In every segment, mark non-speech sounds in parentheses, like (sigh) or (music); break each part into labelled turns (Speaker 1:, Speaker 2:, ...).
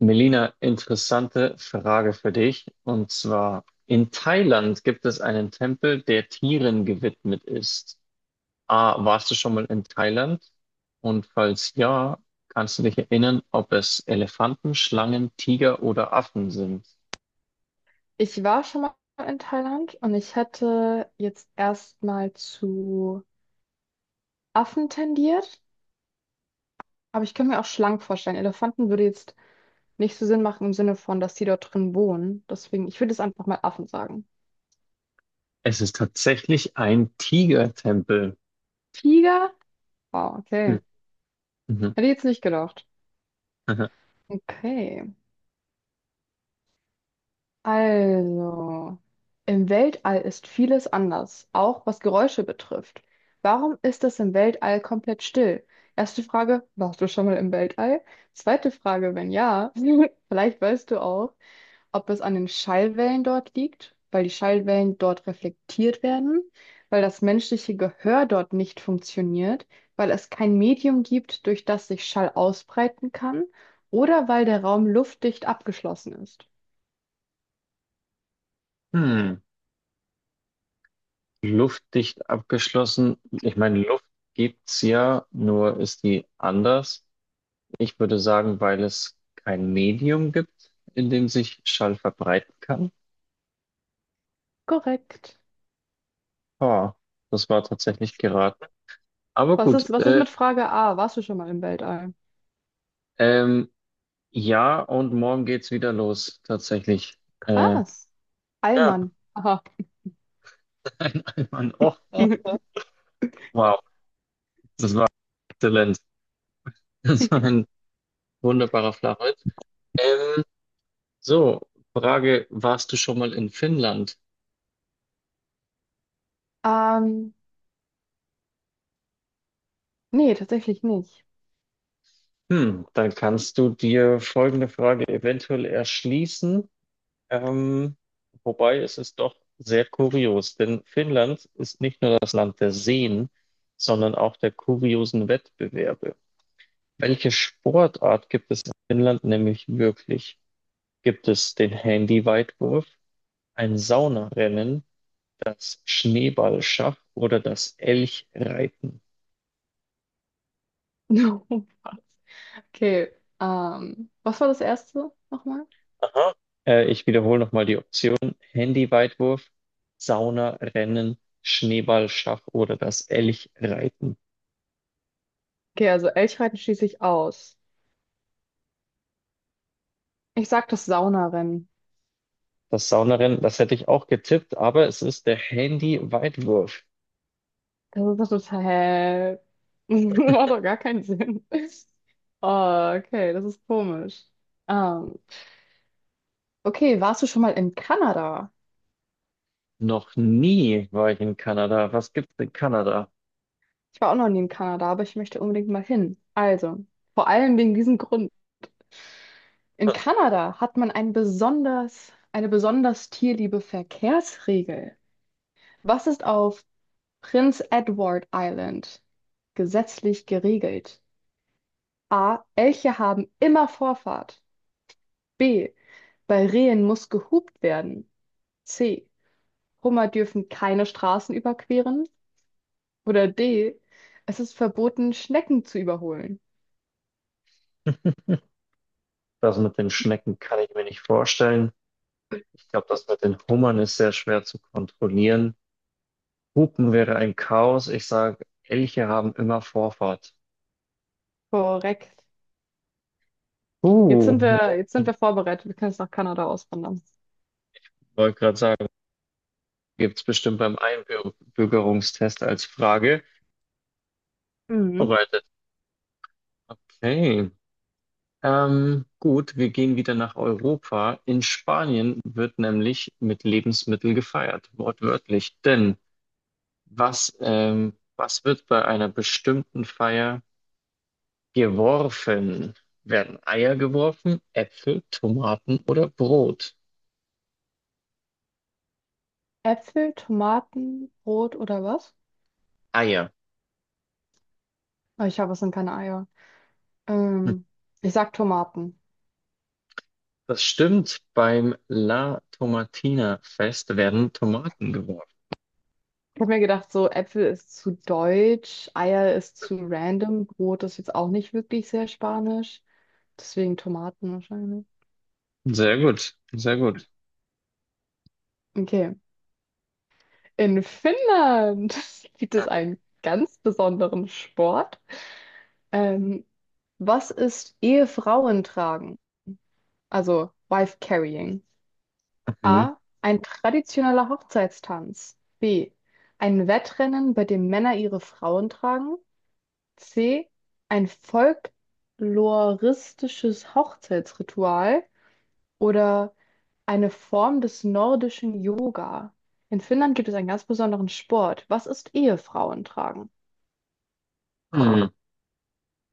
Speaker 1: Melina, interessante Frage für dich. Und zwar, in Thailand gibt es einen Tempel, der Tieren gewidmet ist. A, warst du schon mal in Thailand? Und falls ja, kannst du dich erinnern, ob es Elefanten, Schlangen, Tiger oder Affen sind?
Speaker 2: Ich war schon mal in Thailand und ich hätte jetzt erstmal zu Affen tendiert, aber ich könnte mir auch Schlangen vorstellen. Elefanten würde jetzt nicht so Sinn machen im Sinne von, dass die dort drin wohnen. Deswegen, ich würde jetzt einfach mal Affen sagen.
Speaker 1: Es ist tatsächlich ein Tigertempel.
Speaker 2: Tiger? Wow,
Speaker 1: Hm,
Speaker 2: okay.
Speaker 1: mhm,
Speaker 2: Hätte ich jetzt nicht gedacht.
Speaker 1: mhm.
Speaker 2: Okay. Also, im Weltall ist vieles anders, auch was Geräusche betrifft. Warum ist es im Weltall komplett still? Erste Frage, warst du schon mal im Weltall? Zweite Frage, wenn ja, (laughs) vielleicht weißt du auch, ob es an den Schallwellen dort liegt, weil die Schallwellen dort reflektiert werden, weil das menschliche Gehör dort nicht funktioniert, weil es kein Medium gibt, durch das sich Schall ausbreiten kann, oder weil der Raum luftdicht abgeschlossen ist.
Speaker 1: Hm. Luftdicht abgeschlossen. Ich meine, Luft gibt's ja, nur ist die anders. Ich würde sagen, weil es kein Medium gibt, in dem sich Schall verbreiten kann.
Speaker 2: Korrekt.
Speaker 1: Ah, das war tatsächlich geraten. Aber
Speaker 2: Was
Speaker 1: gut,
Speaker 2: ist, was ist mit Frage A? Warst du schon mal im Weltall?
Speaker 1: ähm, ja, und morgen geht's wieder los, tatsächlich. Äh,
Speaker 2: Krass.
Speaker 1: ja,
Speaker 2: Allmann. Aha.
Speaker 1: (laughs) ein Einwand. Oh, oh, oh.
Speaker 2: (laughs)
Speaker 1: Wow, das war exzellent. (laughs) Das war ein wunderbarer Flachwitz. Ähm, so, Frage, warst du schon mal in Finnland?
Speaker 2: Ähm, nee, tatsächlich nicht.
Speaker 1: Hm, dann kannst du dir folgende Frage eventuell erschließen. Ähm, wobei, es ist doch sehr kurios, denn Finnland ist nicht nur das Land der Seen, sondern auch der kuriosen Wettbewerbe. Welche Sportart gibt es in Finnland nämlich wirklich? Gibt es den Handyweitwurf, ein Saunarennen, das Schneeballschach oder das Elchreiten?
Speaker 2: (laughs) Was? Okay. Was war das erste nochmal?
Speaker 1: Aha. Ich wiederhole nochmal die Option. Handyweitwurf, Saunarennen, Schneeballschach oder das Elchreiten.
Speaker 2: Okay, also Elchreiten schließe ich aus. Ich sag das Saunarennen.
Speaker 1: Das Saunarennen, das hätte ich auch getippt, aber es ist der Handy-Weitwurf.
Speaker 2: Das ist doch total. (laughs) Macht doch gar keinen Sinn. Oh, okay, das ist komisch. Ähm, okay, warst du schon mal in Kanada?
Speaker 1: Noch nie war ich in Kanada. Was gibt's in Kanada?
Speaker 2: Ich war auch noch nie in Kanada, aber ich möchte unbedingt mal hin. Also, vor allem wegen diesem Grund. In Kanada hat man eine besonders tierliebe Verkehrsregel. Was ist auf Prince Edward Island gesetzlich geregelt? A. Elche haben immer Vorfahrt. B. Bei Rehen muss gehupt werden. C. Hummer dürfen keine Straßen überqueren. Oder D. Es ist verboten, Schnecken zu überholen.
Speaker 1: Das mit den Schnecken kann ich mir nicht vorstellen. Ich glaube, das mit den Hummern ist sehr schwer zu kontrollieren. Hupen wäre ein Chaos. Ich sage, Elche haben immer Vorfahrt.
Speaker 2: Korrekt. Jetzt
Speaker 1: Uh,
Speaker 2: sind wir, jetzt sind wir vorbereitet. Wir können jetzt nach Kanada auswandern.
Speaker 1: wollte gerade sagen, gibt's bestimmt beim Einbürgerungstest als Frage.
Speaker 2: Mhm.
Speaker 1: Vorbereitet. Okay. Gut, wir gehen wieder nach Europa. In Spanien wird nämlich mit Lebensmittel gefeiert, wortwörtlich. Denn was, was wird bei einer bestimmten Feier geworfen? Werden Eier geworfen, Äpfel, Tomaten oder Brot?
Speaker 2: Äpfel, Tomaten, Brot oder was?
Speaker 1: Eier.
Speaker 2: Oh, ich habe, es sind keine Eier.
Speaker 1: Hm.
Speaker 2: Ähm, ich sag Tomaten.
Speaker 1: Das stimmt, beim La Tomatina Fest werden Tomaten geworfen.
Speaker 2: Ich habe mir gedacht, so Äpfel ist zu deutsch, Eier ist zu random, Brot ist jetzt auch nicht wirklich sehr spanisch. Deswegen Tomaten wahrscheinlich.
Speaker 1: Sehr gut, sehr gut.
Speaker 2: Okay. In Finnland (laughs) gibt es einen ganz besonderen Sport. Ähm, was ist Ehefrauen tragen? Also Wife Carrying.
Speaker 1: Mhm.
Speaker 2: A. Ein traditioneller Hochzeitstanz. B. Ein Wettrennen, bei dem Männer ihre Frauen tragen. C. Ein folkloristisches Hochzeitsritual oder eine Form des nordischen Yoga. In Finnland gibt es einen ganz besonderen Sport. Was ist Ehefrauen tragen?
Speaker 1: Hm.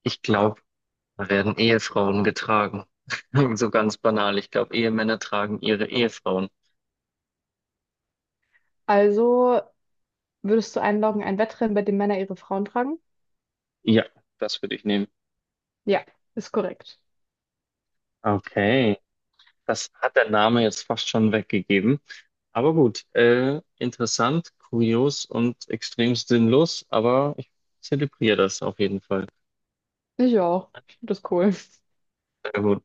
Speaker 1: Ich glaube, da werden Ehefrauen getragen. (laughs) So ganz banal. Ich glaube, Ehemänner tragen ihre Ehefrauen.
Speaker 2: Also würdest du einloggen, ein Wettrennen, bei dem Männer ihre Frauen tragen?
Speaker 1: Ja, das würde ich nehmen.
Speaker 2: Ja, ist korrekt.
Speaker 1: Okay, das hat der Name jetzt fast schon weggegeben. Aber gut, interessant, kurios und extrem sinnlos, aber ich zelebriere das auf jeden Fall.
Speaker 2: Ich auch. Ich finde das cool.
Speaker 1: Sehr gut.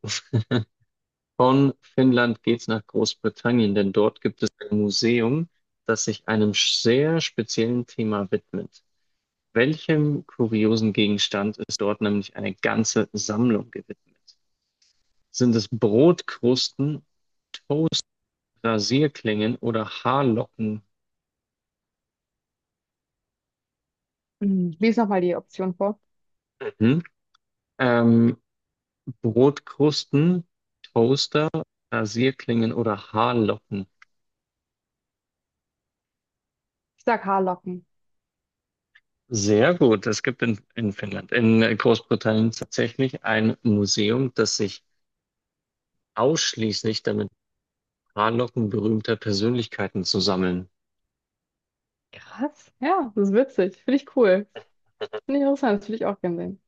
Speaker 1: Von Finnland geht's nach Großbritannien, denn dort gibt es ein Museum, das sich einem sehr speziellen Thema widmet. Welchem kuriosen Gegenstand ist dort nämlich eine ganze Sammlung gewidmet? Sind es Brotkrusten, Rasierklingen oder Haarlocken?
Speaker 2: Hm, lies nochmal die Option vor.
Speaker 1: Mhm. Ähm, Brotkrusten, Toaster, Rasierklingen oder Haarlocken?
Speaker 2: Ich sag Haarlocken.
Speaker 1: Sehr gut. Es gibt in Finnland, in Großbritannien tatsächlich ein Museum, das sich ausschließlich damit Haarlocken berühmter Persönlichkeiten zu sammeln.
Speaker 2: Krass. Ja, das ist witzig. Finde ich cool. Finde ich interessant. Das würde ich auch gerne sehen.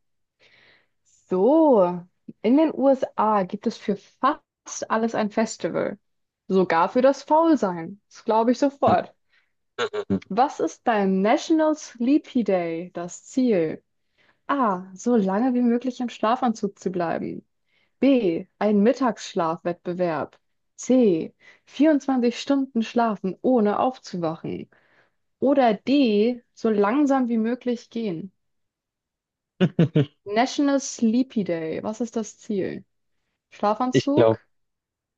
Speaker 2: So, in den USA gibt es für fast alles ein Festival. Sogar für das Faulsein. Das glaube ich sofort. Was ist beim National Sleepy Day das Ziel? A. So lange wie möglich im Schlafanzug zu bleiben. B. Ein Mittagsschlafwettbewerb. C. 24 Stunden schlafen, ohne aufzuwachen. Oder D. So langsam wie möglich gehen.
Speaker 1: (laughs)
Speaker 2: National Sleepy Day. Was ist das Ziel?
Speaker 1: Ich
Speaker 2: Schlafanzug,
Speaker 1: glaube,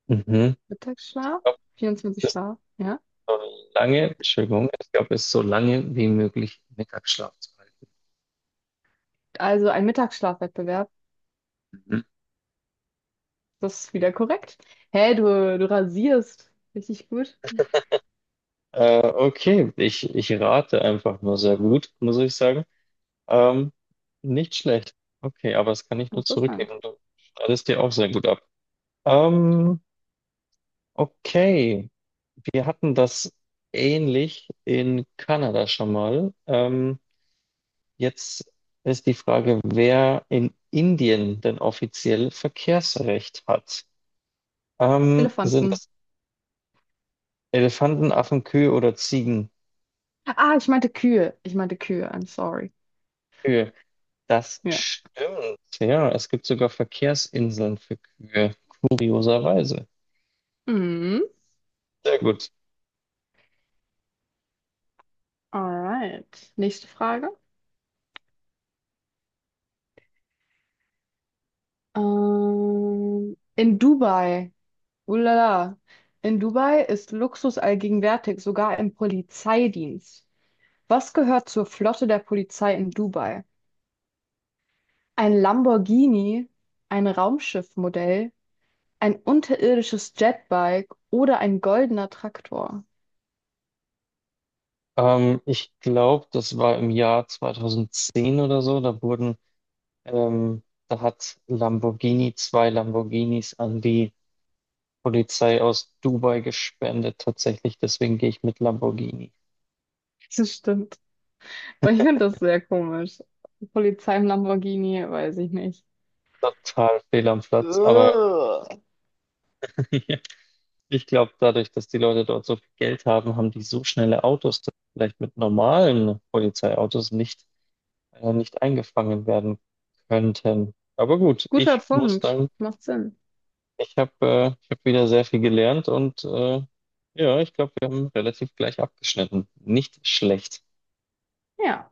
Speaker 1: mhm.
Speaker 2: Mittagsschlaf, 24 Schlaf, ja.
Speaker 1: So lange, Entschuldigung, ich glaube, es ist so lange wie möglich Mittagsschlaf zu halten.
Speaker 2: Also ein Mittagsschlafwettbewerb.
Speaker 1: Mhm.
Speaker 2: Das ist wieder korrekt. Hä, du rasierst. Richtig gut.
Speaker 1: Okay, ich rate einfach nur sehr gut, muss ich sagen. Ähm, nicht schlecht. Okay, aber das kann ich nur
Speaker 2: Interessant.
Speaker 1: zurückgeben. Du schneidest dir auch sehr gut ab. Ähm, okay, wir hatten das ähnlich in Kanada schon mal. Jetzt ist die Frage, wer in Indien denn offiziell Verkehrsrecht hat. Sind
Speaker 2: Elefanten.
Speaker 1: das Elefanten, Affen, Kühe oder Ziegen?
Speaker 2: Ah, ich meinte Kühe. Ich meinte Kühe. I'm sorry.
Speaker 1: Kühe. Das
Speaker 2: Ja.
Speaker 1: stimmt. Ja, es gibt sogar Verkehrsinseln für Kühe. Kurioserweise.
Speaker 2: Mhm.
Speaker 1: Sehr gut.
Speaker 2: Alright. Nächste Frage. In Dubai. Ulala. In Dubai ist Luxus allgegenwärtig, sogar im Polizeidienst. Was gehört zur Flotte der Polizei in Dubai? Ein Lamborghini, ein Raumschiffmodell, ein unterirdisches Jetbike oder ein goldener Traktor? (laughs)
Speaker 1: Ich glaube, das war im Jahr 2010 oder so. Da wurden, da hat Lamborghini 2 Lamborghinis an die Polizei aus Dubai gespendet. Tatsächlich, deswegen gehe ich mit Lamborghini.
Speaker 2: Das stimmt. Aber ich finde das sehr komisch. Polizei im Lamborghini, weiß ich nicht.
Speaker 1: Total fehl am Platz, aber
Speaker 2: Ugh.
Speaker 1: (laughs) ja. Ich glaube, dadurch, dass die Leute dort so viel Geld haben, haben die so schnelle Autos, dass vielleicht mit normalen Polizeiautos nicht, nicht eingefangen werden könnten. Aber gut,
Speaker 2: Guter
Speaker 1: ich muss
Speaker 2: Punkt.
Speaker 1: sagen,
Speaker 2: Macht Sinn.
Speaker 1: ich habe ich hab wieder sehr viel gelernt und ja, ich glaube, wir haben relativ gleich abgeschnitten. Nicht schlecht.
Speaker 2: Ja.